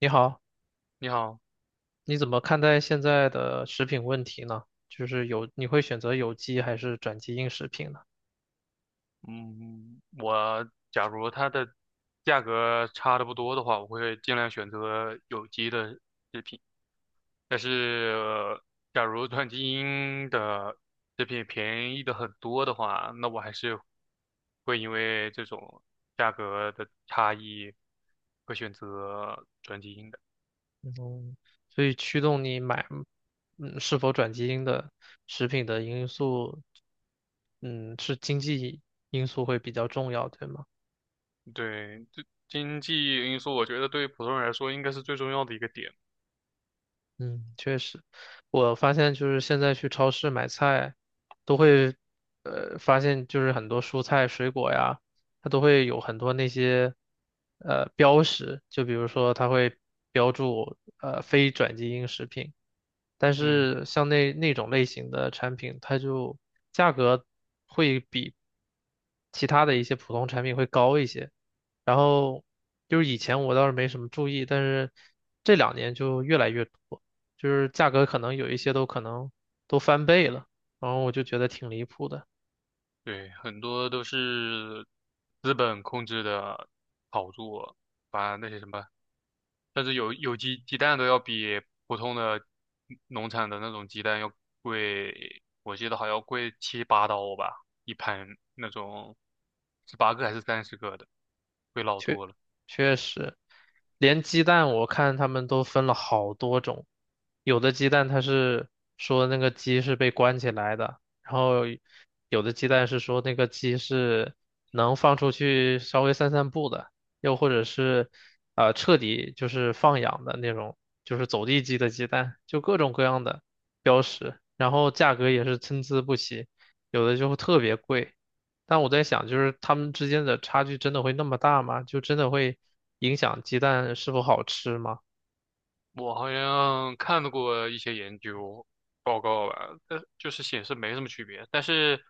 你好，你好，你怎么看待现在的食品问题呢？就是有，你会选择有机还是转基因食品呢？嗯，我假如它的价格差的不多的话，我会尽量选择有机的。但是,假如转基因的这品便宜的很多的话，那我还是会因为这种价格的差异，会选择转基因的。嗯，所以驱动你买，嗯，是否转基因的食品的因素，嗯，是经济因素会比较重要，对吗？对，这经济因素，我觉得对普通人来说应该是最重要的一个点。嗯，确实，我发现就是现在去超市买菜，都会，发现就是很多蔬菜、水果呀，它都会有很多那些，标识，就比如说它会标注，非转基因食品，但嗯。是像那种类型的产品，它就价格会比其他的一些普通产品会高一些。然后就是以前我倒是没什么注意，但是这两年就越来越多。就是价格可能有一些都可能都翻倍了，然后我就觉得挺离谱的。对，很多都是资本控制的炒作，把那些什么，甚至有机鸡蛋都要比普通的农场的那种鸡蛋要贵，我记得好像贵七八刀吧，一盘那种十八个还是三十个的，贵老确多了。确实，连鸡蛋我看他们都分了好多种，有的鸡蛋它是说那个鸡是被关起来的，然后有的鸡蛋是说那个鸡是能放出去稍微散散步的，又或者是彻底就是放养的那种，就是走地鸡的鸡蛋，就各种各样的标识，然后价格也是参差不齐，有的就特别贵。但我在想，就是它们之间的差距真的会那么大吗？就真的会影响鸡蛋是否好吃吗？我好像看到过一些研究报告吧，但就是显示没什么区别。但是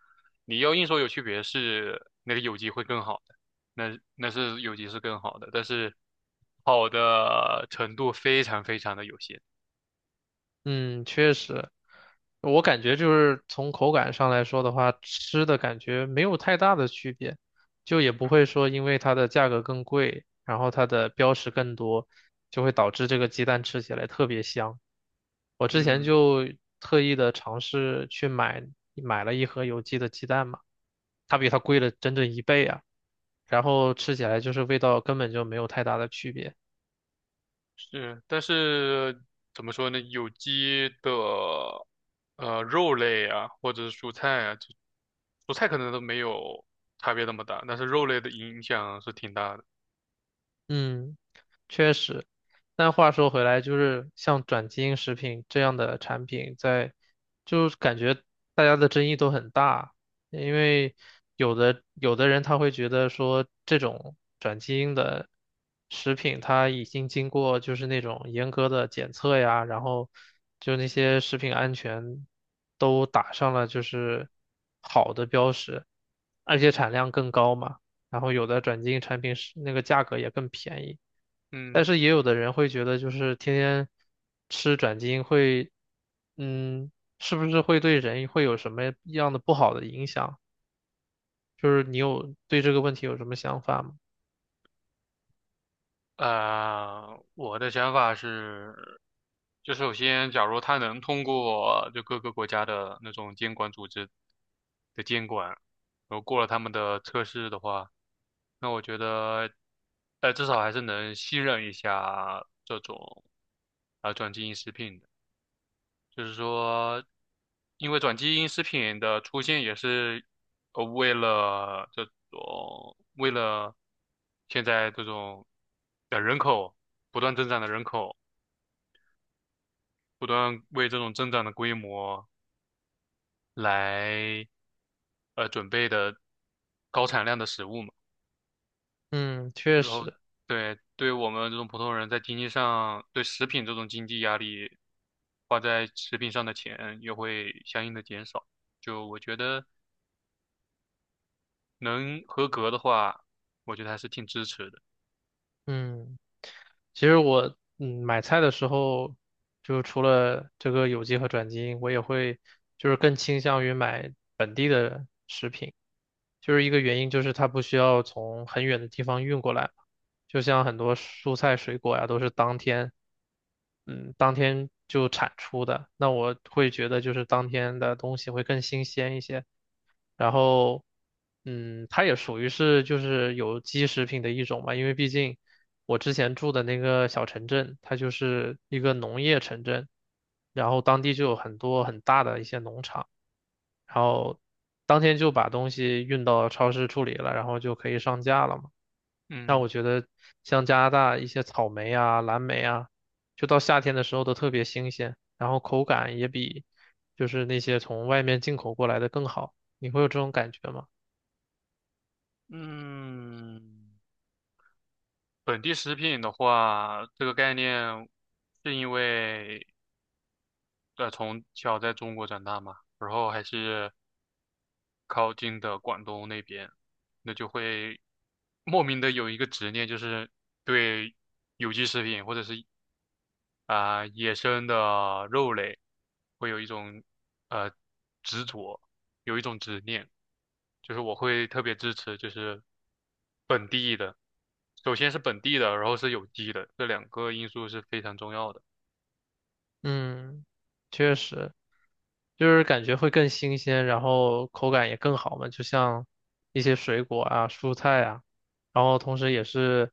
你要硬说有区别是那个有机会更好的，那是有机是更好的，但是好的程度非常非常的有限。嗯，确实，我感觉就是从口感上来说的话，吃的感觉没有太大的区别，就也不会说因为它的价格更贵，然后它的标识更多，就会导致这个鸡蛋吃起来特别香。我之前嗯，就特意的尝试去买了一盒有机的鸡蛋嘛，它比它贵了整整一倍啊。然后吃起来就是味道根本就没有太大的区别。是，但是怎么说呢？有机的肉类啊，或者是蔬菜啊，就蔬菜可能都没有差别那么大，但是肉类的影响是挺大的。嗯，确实。但话说回来，就是像转基因食品这样的产品在，就是感觉大家的争议都很大，因为有的人他会觉得说这种转基因的食品，它已经经过就是那种严格的检测呀，然后就那些食品安全都打上了就是好的标识，而且产量更高嘛。然后有的转基因产品是那个价格也更便宜，但嗯。是也有的人会觉得就是天天吃转基因会，嗯，是不是会对人会有什么样的不好的影响？就是你有对这个问题有什么想法吗？我的想法是，就首先，假如他能通过就各个国家的那种监管组织的监管，然后过了他们的测试的话，那我觉得，至少还是能信任一下这种转基因食品的。就是说，因为转基因食品的出现也是为了种为了现在这种的人口，不断为这种增长的规模来准备的高产量的食物嘛。嗯，确然后实，对我们这种普通人在经济上对食品这种经济压力，花在食品上的钱也会相应的减少。就我觉得。能合格的话，我觉得还是挺支持的。嗯，其实我嗯买菜的时候，就除了这个有机和转基因，我也会就是更倾向于买。本地的。就是一个原因就是它不需要从很远的地方运过来，就像很多蔬菜水果呀都是当天，嗯，当天就产出的。那我会觉得就是当天的东西会更新鲜一些，然后，嗯，它也属于是就是有机食品的一种嘛，因为毕竟。我之前住的那个小城镇，它就是一个农业城镇，然后当地就有很多很大的一些农场，然后当天就把东西运到超市处理了，然后就可以上架了嘛。那我嗯。觉得像加拿大一些草莓啊、蓝莓啊，就到夏天的时候都特别新鲜，然后口感也比就是那些从外面进口过来的更好。你会有这种感觉吗？嗯，本地食品的话，这个概念是因为从小在中国长大嘛，然后还是靠近的广东那边，那就会莫名的有一个执念，就是对有机食品或者是野生的肉类会有一种呃执着，有一种执念，就是我会特别支持就是本地的，首先是本地的，然后是有机的，这两个因素是非常重要的。嗯，确实，就是感觉会更新鲜，然后口感也更好嘛，就像一些水果啊、蔬菜啊，然后同时也是，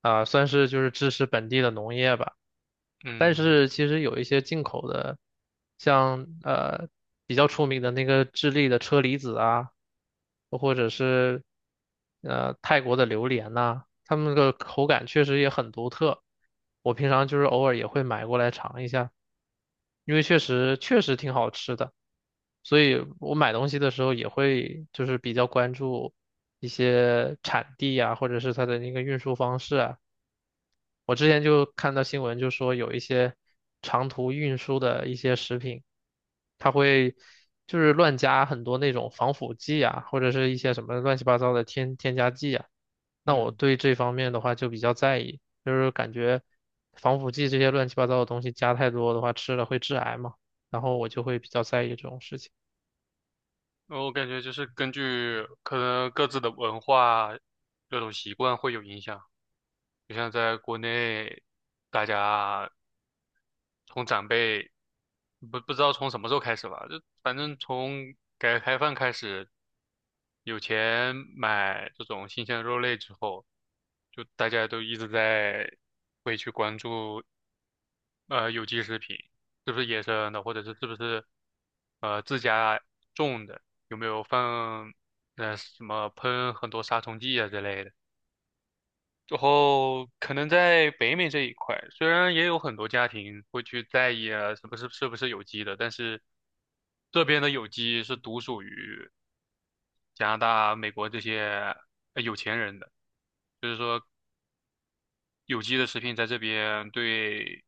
啊、算是就是支持本地的农业吧。但嗯。是其实有一些进口的，像比较出名的那个智利的车厘子啊，或者是泰国的榴莲呐、它们的口感确实也很独特。我平常就是偶尔也会买过来尝一下，因为确实挺好吃的，所以我买东西的时候也会就是比较关注一些产地啊，或者是它的那个运输方式啊。我之前就看到新闻，就说有一些长途运输的一些食品，它会就是乱加很多那种防腐剂啊，或者是一些什么乱七八糟的添加剂啊。那我嗯，对这方面的话就比较在意，就是感觉防腐剂这些乱七八糟的东西加太多的话，吃了会致癌嘛，然后我就会比较在意这种事情。我感觉就是根据可能各自的文化这种习惯会有影响，就像在国内，大家从长辈不知道从什么时候开始吧，就反正从改革开放开始，有钱买这种新鲜的肉类之后，就大家都一直在会去关注有机食品是不是野生的，或者是是不是自家种的，有没有放什么喷很多杀虫剂啊之类的。然后可能在北美这一块，虽然也有很多家庭会去在意啊，是不是有机的，但是这边的有机是独属于加拿大、美国这些有钱人的，就是说有机的食品在这边对，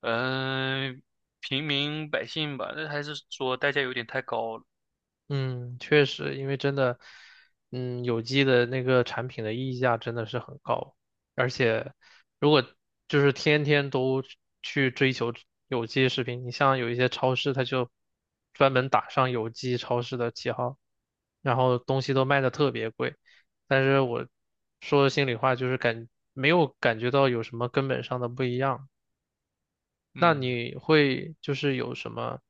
嗯、平民百姓吧，那还是说代价有点太高了。嗯，确实，因为真的，嗯，有机的那个产品的溢价真的是很高，而且如果就是天天都去追求有机食品，你像有一些超市，它就专门打上有机超市的旗号，然后东西都卖的特别贵，但是我说心里话，就是没有感觉到有什么根本上的不一样。那嗯。你会就是有什么，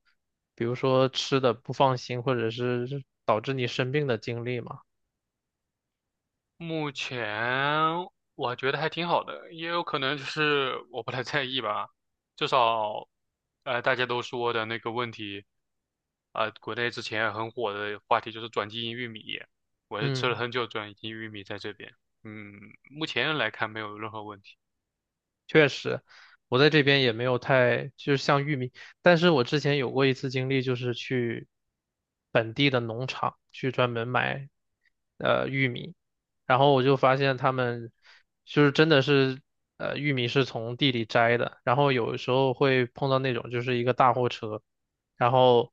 比如说吃的不放心，或者是导致你生病的经历吗？目前我觉得还挺好的，也有可能就是我不太在意吧。至少，大家都说的那个问题，国内之前很火的话题就是转基因玉米，我是吃了嗯。很久转基因玉米在这边，嗯，目前来看没有任何问题。确实，我在这边也没有太，就是像玉米，但是我之前有过一次经历，就是去本地的农场去专门买玉米，然后我就发现他们就是真的是玉米是从地里摘的，然后有时候会碰到那种就是一个大货车，然后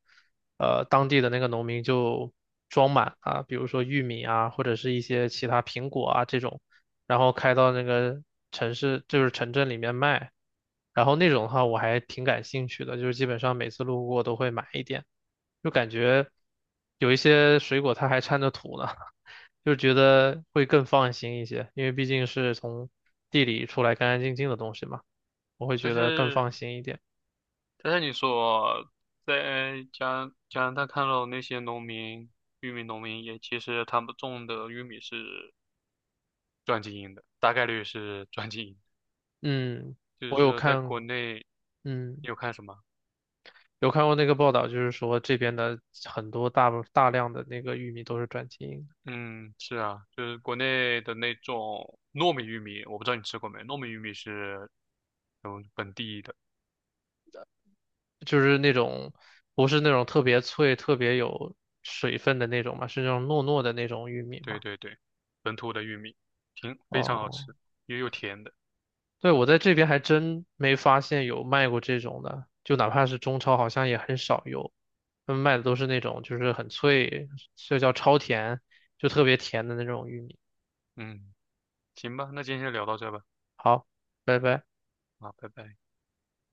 当地的那个农民就装满啊，比如说玉米啊，或者是一些其他苹果啊这种。然后开到那个城市，就是城镇里面卖。然后那种的话，我还挺感兴趣的，就是基本上每次路过都会买一点，就感觉有一些水果它还掺着土呢，就觉得会更放心一些，因为毕竟是从地里出来干干净净的东西嘛，我会但觉得更是，放心一点。但是你说在加拿大看到那些农民，玉米农民也其实他们种的玉米是转基因的，大概率是转基因。嗯，就是我有说在看，国内你嗯，有看什么？有看过那个报道，就是说这边的很多大量的那个玉米都是转基因的。嗯，是啊，就是国内的那种糯米玉米，我不知道你吃过没？糯米玉米是本地的，就是那种不是那种特别脆、特别有水分的那种嘛，是那种糯糯的那种玉米对嘛。对对，本土的玉米，挺非常好哦，吃，也有甜的。对，我在这边还真没发现有卖过这种的，就哪怕是中超，好像也很少有。他们卖的都是那种就是很脆，就叫超甜，就特别甜的那种玉米。嗯，行吧，那今天就聊到这吧，好，拜拜。啊，拜拜。